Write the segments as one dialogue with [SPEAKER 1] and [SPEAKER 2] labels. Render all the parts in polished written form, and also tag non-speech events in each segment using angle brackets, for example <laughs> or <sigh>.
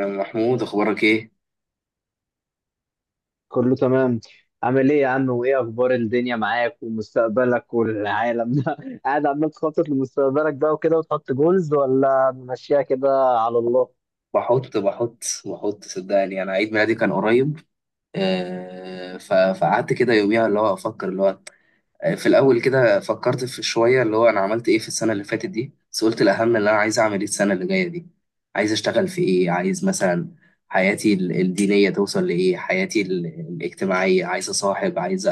[SPEAKER 1] يا عم محمود، اخبارك ايه؟
[SPEAKER 2] كله تمام. عامل ايه يا عم وايه اخبار الدنيا معاك ومستقبلك والعالم ده <laughs> قاعد عمال تخطط لمستقبلك بقى وكده وتحط جولز ولا ماشيها كده؟ على الله.
[SPEAKER 1] بحط بحط بحط، صدقني انا عيد ميلادي كان قريب. فقعدت كده يوميها اللي هو افكر اللي هو. في الاول كده فكرت في شويه، اللي هو انا عملت ايه في السنه اللي فاتت دي، بس قلت الاهم اللي انا عايز اعمل ايه السنه اللي جايه دي. عايز اشتغل في ايه، عايز مثلا حياتي الدينيه توصل لايه، حياتي الاجتماعيه، عايز اصاحب،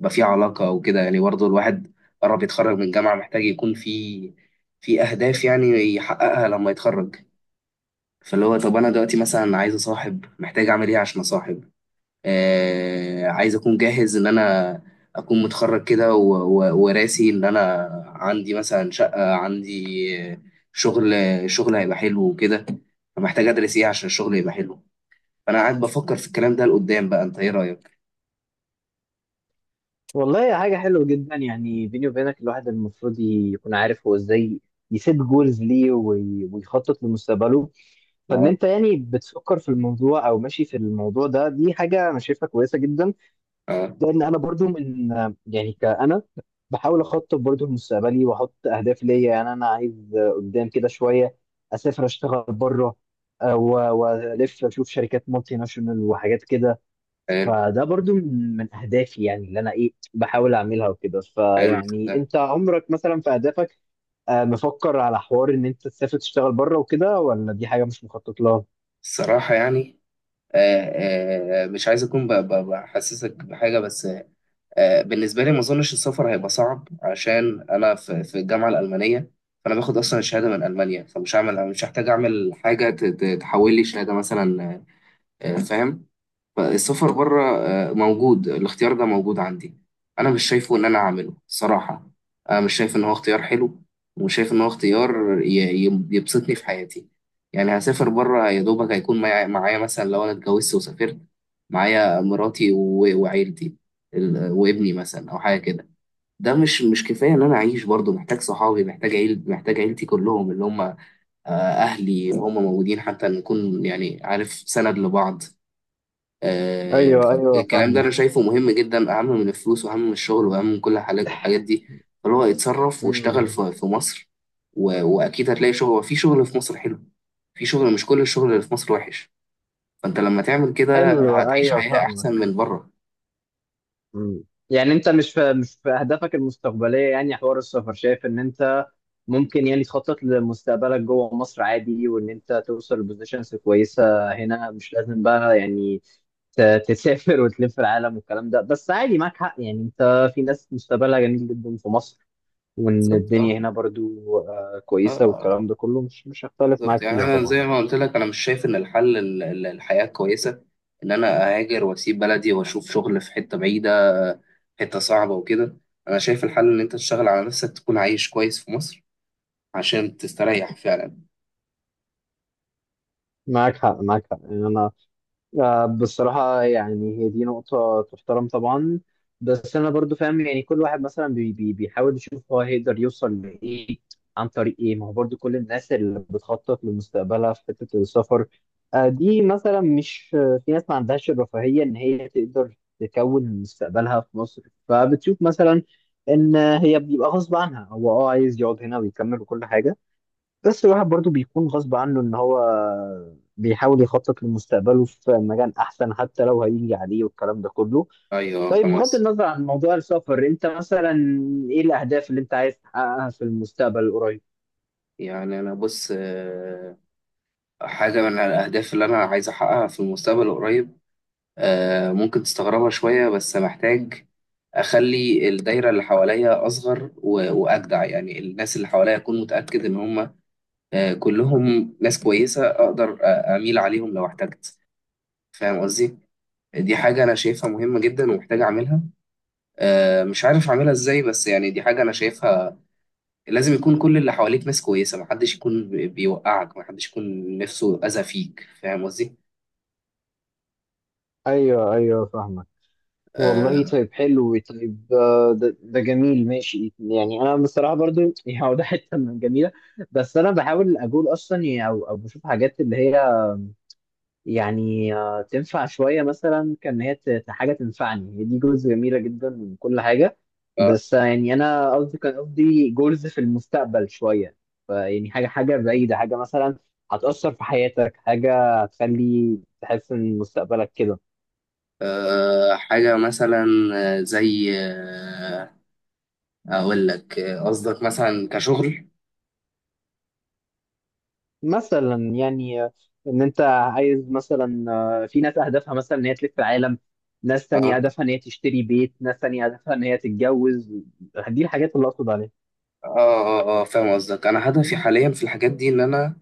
[SPEAKER 1] يبقى في علاقه وكده. يعني برضه الواحد قرب يتخرج من الجامعه محتاج يكون في اهداف يعني يحققها لما يتخرج. فاللي هو، طب انا دلوقتي مثلا عايز اصاحب، محتاج اعمل ايه عشان اصاحب؟ عايز اكون جاهز ان انا اكون متخرج كده، وراسي ان انا عندي مثلا شقة، عندي آه، شغل، شغل هيبقى حلو وكده. فمحتاج ادرس ايه عشان الشغل يبقى حلو. فانا قاعد بفكر في الكلام ده لقدام. بقى انت ايه رايك؟
[SPEAKER 2] والله هي حاجة حلوة جدا، يعني بيني وبينك الواحد المفروض يكون عارف هو ازاي يسيب جولز ليه ويخطط لمستقبله. فان
[SPEAKER 1] اه،
[SPEAKER 2] انت يعني بتفكر في الموضوع او ماشي في الموضوع ده، دي حاجة انا شايفها كويسة جدا.
[SPEAKER 1] اه،
[SPEAKER 2] لان انا برضو من، يعني كأنا بحاول اخطط برضو لمستقبلي واحط اهداف ليا. يعني انا عايز قدام كده شويه اسافر اشتغل بره، والف اشوف شركات مالتي ناشونال وحاجات كده.
[SPEAKER 1] حلو،
[SPEAKER 2] فده برضو من اهدافي، يعني اللي انا ايه بحاول اعملها وكده.
[SPEAKER 1] حلو ده.
[SPEAKER 2] فيعني انت عمرك مثلا في اهدافك مفكر على حوار ان انت تسافر تشتغل بره وكده، ولا دي حاجه مش مخطط لها؟
[SPEAKER 1] الصراحة يعني، مش عايز اكون بحسسك بحاجة، بس. بالنسبة لي، ما أظنش السفر هيبقى صعب عشان أنا في الجامعة الألمانية. فأنا باخد أصلا الشهادة من ألمانيا، فمش هعمل، مش هحتاج أعمل حاجة تحول لي شهادة مثلا. فاهم. فالسفر بره موجود، الاختيار ده موجود عندي. انا مش شايفه ان انا اعمله صراحة، انا مش شايف ان هو اختيار حلو، ومش شايف ان هو اختيار يبسطني في حياتي. يعني هسافر بره يا دوبك هيكون معايا مثلا، لو انا اتجوزت وسافرت معايا مراتي و- وعيلتي وابني مثلا او حاجة كده. ده مش كفاية ان انا اعيش برضه، محتاج صحابي، محتاج عيل، محتاج عيلتي كلهم اللي هم اهلي، هم موجودين حتى نكون يعني، عارف، سند لبعض.
[SPEAKER 2] ايوه
[SPEAKER 1] فالكلام ده
[SPEAKER 2] فاهمك.
[SPEAKER 1] انا شايفه مهم جدا، اهم من الفلوس واهم من الشغل واهم من كل الحاجات دي. فهو يتصرف واشتغل
[SPEAKER 2] امم.
[SPEAKER 1] في مصر، و- واكيد هتلاقي شغل، في شغل في مصر حلو، في شغل، مش كل الشغل اللي في مصر وحش. فانت لما تعمل كده
[SPEAKER 2] حلو،
[SPEAKER 1] هتعيش
[SPEAKER 2] ايوه
[SPEAKER 1] حياة احسن
[SPEAKER 2] فاهمك.
[SPEAKER 1] من بره.
[SPEAKER 2] مم. يعني انت مش في اهدافك المستقبليه، يعني حوار السفر، شايف ان انت ممكن يعني تخطط لمستقبلك جوه مصر عادي، وان انت توصل لبوزيشنز كويسه هنا، مش لازم بقى يعني تسافر وتلف العالم والكلام ده. بس عادي معاك حق، يعني انت في ناس مستقبلها جميل جدا في مصر، وان
[SPEAKER 1] بالظبط، اه،
[SPEAKER 2] الدنيا هنا برضو
[SPEAKER 1] اه،
[SPEAKER 2] كويسه والكلام ده كله، مش هختلف
[SPEAKER 1] بالظبط.
[SPEAKER 2] معاك
[SPEAKER 1] يعني
[SPEAKER 2] فيها
[SPEAKER 1] انا زي
[SPEAKER 2] طبعا.
[SPEAKER 1] ما قلت لك، انا مش شايف ان الحل الحياة كويسة ان انا اهاجر واسيب بلدي واشوف شغل في حتة بعيدة، حتة صعبة وكده. انا شايف الحل ان انت تشتغل على نفسك، تكون عايش كويس في مصر عشان تستريح فعلا.
[SPEAKER 2] معاك حق يعني انا، بصراحة يعني هي دي نقطة تحترم طبعا. بس أنا برضو فاهم، يعني كل واحد مثلا بي بي بيحاول يشوف هو هيقدر يوصل لإيه عن طريق إيه. ما هو برضو كل الناس اللي بتخطط لمستقبلها في حتة السفر دي مثلا، مش آه، في ناس ما عندهاش الرفاهية إن هي تقدر تكون مستقبلها في مصر. فبتشوف مثلا إن هي بيبقى غصب عنها، هو أه عايز يقعد هنا ويكمل وكل حاجة. بس الواحد برضو بيكون غصب عنه ان هو بيحاول يخطط لمستقبله في مجال احسن حتى لو هيجي عليه والكلام ده كله.
[SPEAKER 1] ايوه،
[SPEAKER 2] طيب
[SPEAKER 1] فاهم
[SPEAKER 2] بغض
[SPEAKER 1] قصدك.
[SPEAKER 2] النظر عن موضوع السفر، انت مثلا ايه الاهداف اللي انت عايز تحققها في المستقبل القريب؟
[SPEAKER 1] يعني انا بص، حاجه من الاهداف اللي انا عايز احققها في المستقبل القريب، ممكن تستغربها شويه، بس محتاج اخلي الدايره اللي حواليا اصغر و- واجدع. يعني الناس اللي حواليا اكون متاكد ان هم كلهم ناس كويسه، اقدر اميل عليهم لو احتجت. فاهم قصدي؟ دي حاجه انا شايفها مهمه جدا ومحتاج اعملها. مش عارف اعملها ازاي، بس يعني دي حاجه انا شايفها لازم. يكون كل اللي حواليك ناس كويسة، محدش يكون بيوقعك، محدش يكون نفسه أذى فيك. فاهم قصدي؟
[SPEAKER 2] ايوه فاهمك. والله
[SPEAKER 1] آه.
[SPEAKER 2] طيب حلو، طيب ده جميل، ماشي. يعني انا بصراحه برضو <laughs> يعني هو ده حته من جميله. بس انا بحاول اقول اصلا يعني او او بشوف حاجات اللي هي يعني تنفع شوية، مثلا كان هي حاجة تنفعني. هي دي جولز جميلة جدا من كل حاجة،
[SPEAKER 1] آه.
[SPEAKER 2] بس يعني أنا قصدي، كان قصدي جولز في المستقبل شوية. فيعني حاجة بعيدة، حاجة مثلا هتأثر في حياتك، حاجة هتخلي تحس إن مستقبلك كده.
[SPEAKER 1] حاجة مثلا، زي، أقول لك، قصدك مثلا كشغل؟
[SPEAKER 2] مثلا يعني إن أنت عايز مثلا في ناس أهدافها مثلا إن هي تلف العالم، ناس تانية
[SPEAKER 1] اه،
[SPEAKER 2] هدفها إن هي تشتري بيت، ناس تانية هدفها إن هي تتجوز. دي الحاجات اللي أقصد عليها.
[SPEAKER 1] اه، اه، فاهم قصدك. أنا هدفي حاليا في الحاجات دي إن أنا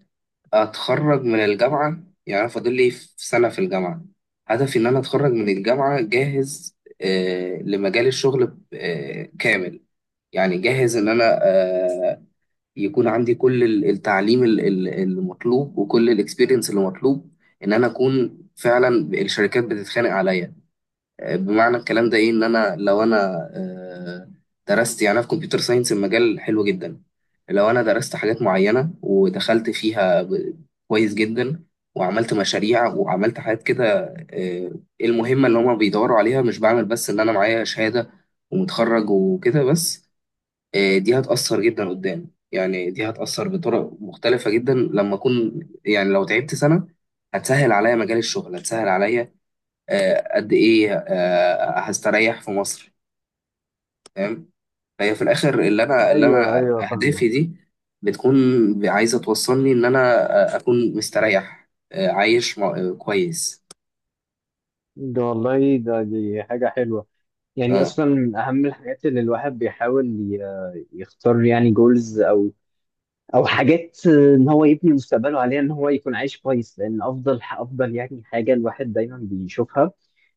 [SPEAKER 1] أتخرج من الجامعة، يعني أنا فاضل لي في سنة في الجامعة. هدفي إن أنا أتخرج من الجامعة جاهز لمجال الشغل كامل. يعني جاهز ان انا يكون عندي كل التعليم المطلوب وكل الاكسبيرينس اللي مطلوب، ان انا اكون فعلا الشركات بتتخانق عليا. بمعنى الكلام ده ايه؟ ان انا لو انا آه، درست، يعني أنا في كمبيوتر ساينس، المجال حلو جدا. لو انا درست حاجات معينة ودخلت فيها كويس جدا، وعملت مشاريع وعملت حاجات كده، آه، المهمة اللي هما بيدوروا عليها، مش بعمل بس ان انا معايا شهادة ومتخرج وكده بس. دي هتأثر جدا قدام، يعني دي هتأثر بطرق مختلفة جدا لما أكون، يعني لو تعبت سنة هتسهل عليا مجال الشغل، هتسهل عليا قد إيه هستريح في مصر. فاهم؟ فهي في الآخر، اللي أنا اللي
[SPEAKER 2] ايوه
[SPEAKER 1] أنا
[SPEAKER 2] ايوه فاهمة.
[SPEAKER 1] أهدافي دي بتكون عايزة توصلني إن أنا أكون مستريح، عايش كويس.
[SPEAKER 2] ده والله، ده دي حاجة حلوة. يعني
[SPEAKER 1] أه،
[SPEAKER 2] أصلا من أهم الحاجات اللي الواحد بيحاول يختار يعني جولز، أو أو حاجات إن هو يبني مستقبله عليها، إن هو يكون عايش كويس. لأن أفضل يعني حاجة الواحد دايما بيشوفها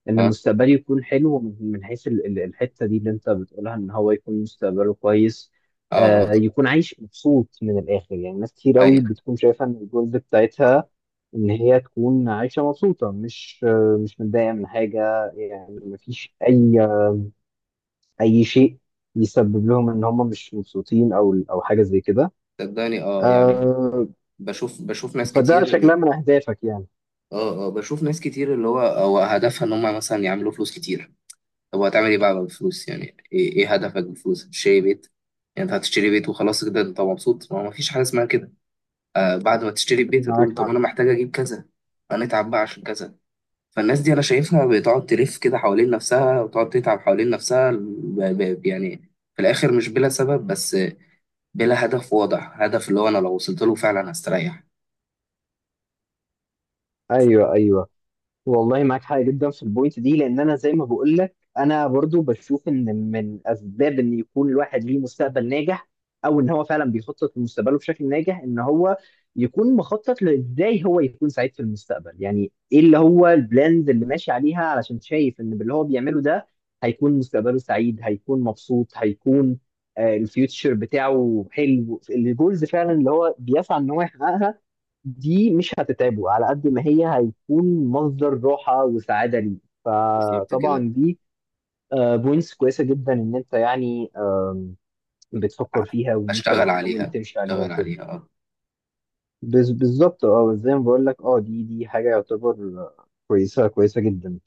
[SPEAKER 2] إن
[SPEAKER 1] أه،
[SPEAKER 2] مستقبله يكون حلو، من حيث الحتة دي اللي أنت بتقولها، إن هو يكون مستقبله كويس.
[SPEAKER 1] أه، آه.
[SPEAKER 2] آه، يكون عايش مبسوط من الآخر. يعني ناس كتير أوي
[SPEAKER 1] أيوة،
[SPEAKER 2] بتكون شايفة إن الجولز بتاعتها ان هي تكون عايشه مبسوطه، مش متضايقه من حاجه، يعني مفيش اي شيء يسبب لهم ان هم مش مبسوطين او او حاجه زي كده.
[SPEAKER 1] صدقني، أه يعني
[SPEAKER 2] آه.
[SPEAKER 1] بشوف ناس
[SPEAKER 2] فده
[SPEAKER 1] كتير،
[SPEAKER 2] شكلها من اهدافك يعني.
[SPEAKER 1] اه، اه، بشوف ناس كتير اللي هو هدفها ان هم مثلا يعملوا فلوس كتير. طب وهتعمل ايه بقى بالفلوس؟ يعني ايه، إيه هدفك بالفلوس؟ تشتري بيت؟ يعني انت هتشتري بيت وخلاص كده انت مبسوط؟ ما هو مفيش حاجه اسمها كده. بعد ما تشتري البيت
[SPEAKER 2] معاك
[SPEAKER 1] هتقول طب
[SPEAKER 2] حق.
[SPEAKER 1] انا محتاج اجيب كذا، انا اتعب بقى عشان كذا. فالناس دي انا شايفها بتقعد تلف كده حوالين نفسها وتقعد تتعب حوالين نفسها، يعني في الاخر مش بلا سبب، بس بلا هدف واضح، هدف اللي هو انا لو وصلت له فعلا هستريح.
[SPEAKER 2] ايوه ايوه. والله معاك حق جدا في البوينت دي. لان انا زي ما بقول لك، انا برضو بشوف ان من اسباب ان يكون الواحد ليه مستقبل ناجح، او ان هو فعلا بيخطط لمستقبله بشكل ناجح، ان هو يكون مخطط لازاي هو يكون سعيد في المستقبل. يعني ايه اللي هو البلاند اللي ماشي عليها علشان شايف ان باللي هو بيعمله ده هيكون مستقبله سعيد، هيكون مبسوط، هيكون الفيوتشر بتاعه حلو. الجولز فعلا اللي هو بيسعى ان هو يحققها دي مش هتتعبه على قد ما هي هيكون مصدر راحة وسعادة ليه.
[SPEAKER 1] بالظبط كده،
[SPEAKER 2] فطبعا دي بوينتس كويسة جدا ان انت يعني بتفكر فيها، وان انت
[SPEAKER 1] اشتغل
[SPEAKER 2] بتحاول
[SPEAKER 1] عليها،
[SPEAKER 2] تمشي عليها
[SPEAKER 1] اشتغل
[SPEAKER 2] وكده.
[SPEAKER 1] عليها. آه.
[SPEAKER 2] بالظبط، اه زي ما بقول لك. اه دي دي حاجة يعتبر كويسة جدا.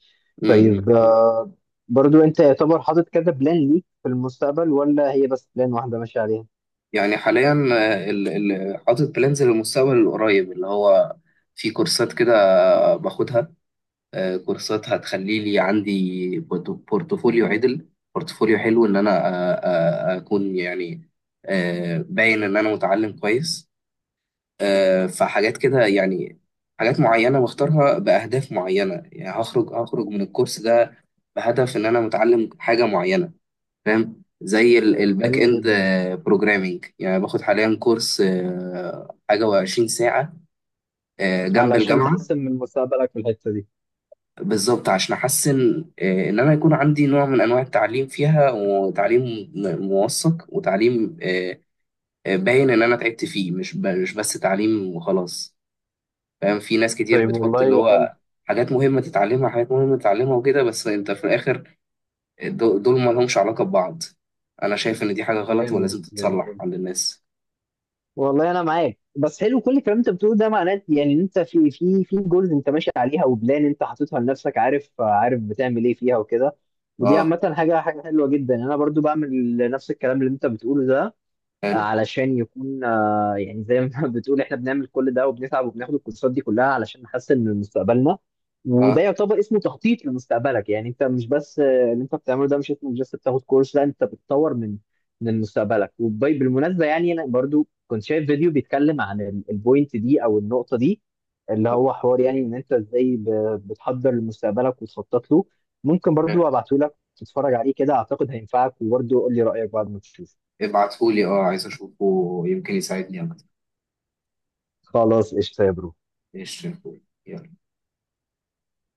[SPEAKER 1] امم.
[SPEAKER 2] طيب برضو انت يعتبر حاطط كذا بلان ليك في المستقبل، ولا هي بس بلان واحدة ماشي عليها؟
[SPEAKER 1] يعني حاليا حاطط بلانز للمستقبل القريب، اللي هو في كورسات كده باخدها. كورسات هتخلي لي عندي بورتفوليو عدل، بورتفوليو حلو ان انا اكون يعني باين ان انا متعلم كويس. فحاجات كده يعني، حاجات معينة بختارها بأهداف معينة. يعني هخرج من الكورس ده بهدف ان انا متعلم حاجة معينة. فاهم؟ زي الباك
[SPEAKER 2] حلو
[SPEAKER 1] اند
[SPEAKER 2] جدا.
[SPEAKER 1] بروجرامينج. يعني باخد حاليا كورس حاجه و20 ساعه، جنب
[SPEAKER 2] علشان
[SPEAKER 1] الجامعه.
[SPEAKER 2] تحسن من مستقبلك في الحتة دي.
[SPEAKER 1] بالظبط، عشان احسن ان انا يكون عندي نوع من انواع التعليم فيها، وتعليم موثق، وتعليم باين ان انا تعبت فيه، مش مش بس تعليم وخلاص. فاهم؟ في ناس كتير
[SPEAKER 2] طيب
[SPEAKER 1] بتحط اللي
[SPEAKER 2] والله حلو.
[SPEAKER 1] هو حاجات مهمه تتعلمها، حاجات مهمه تتعلمها وكده، بس انت في الاخر دول ما لهمش علاقه ببعض. انا شايف ان دي حاجه غلط
[SPEAKER 2] جامد،
[SPEAKER 1] ولازم تتصلح
[SPEAKER 2] جميل.
[SPEAKER 1] عند الناس.
[SPEAKER 2] والله انا معاك، بس حلو كل الكلام انت بتقوله ده. معناه يعني ان انت في في جولز انت ماشي عليها، وبلان انت حاططها لنفسك، عارف عارف بتعمل ايه فيها وكده. ودي
[SPEAKER 1] اه،
[SPEAKER 2] عامه حاجه حلوه جدا. انا برضو بعمل نفس الكلام اللي انت بتقوله ده،
[SPEAKER 1] حلو،
[SPEAKER 2] علشان يكون يعني زي ما <laughs> بتقول احنا بنعمل كل ده وبنتعب وبناخد الكورسات دي كلها علشان نحسن من مستقبلنا. وده
[SPEAKER 1] اه،
[SPEAKER 2] يعتبر اسمه تخطيط لمستقبلك. يعني انت مش بس اللي انت بتعمله ده مش اسمه بس بتاخد كورس، لا انت بتطور من من مستقبلك. وبالمناسبة يعني انا برضو كنت شايف فيديو بيتكلم عن البوينت دي او النقطة دي، اللي هو حوار يعني ان انت ازاي بتحضر لمستقبلك وتخطط له. ممكن
[SPEAKER 1] اه،
[SPEAKER 2] برضو ابعته لك تتفرج عليه كده، اعتقد هينفعك، وبرضو قول لي رأيك بعد ما تشوفه.
[SPEAKER 1] ابعتهولي، اه، عايز اشوفه، يمكن يساعدني اكتر.
[SPEAKER 2] خلاص قشطة يا برو.
[SPEAKER 1] ايش؟ يلا.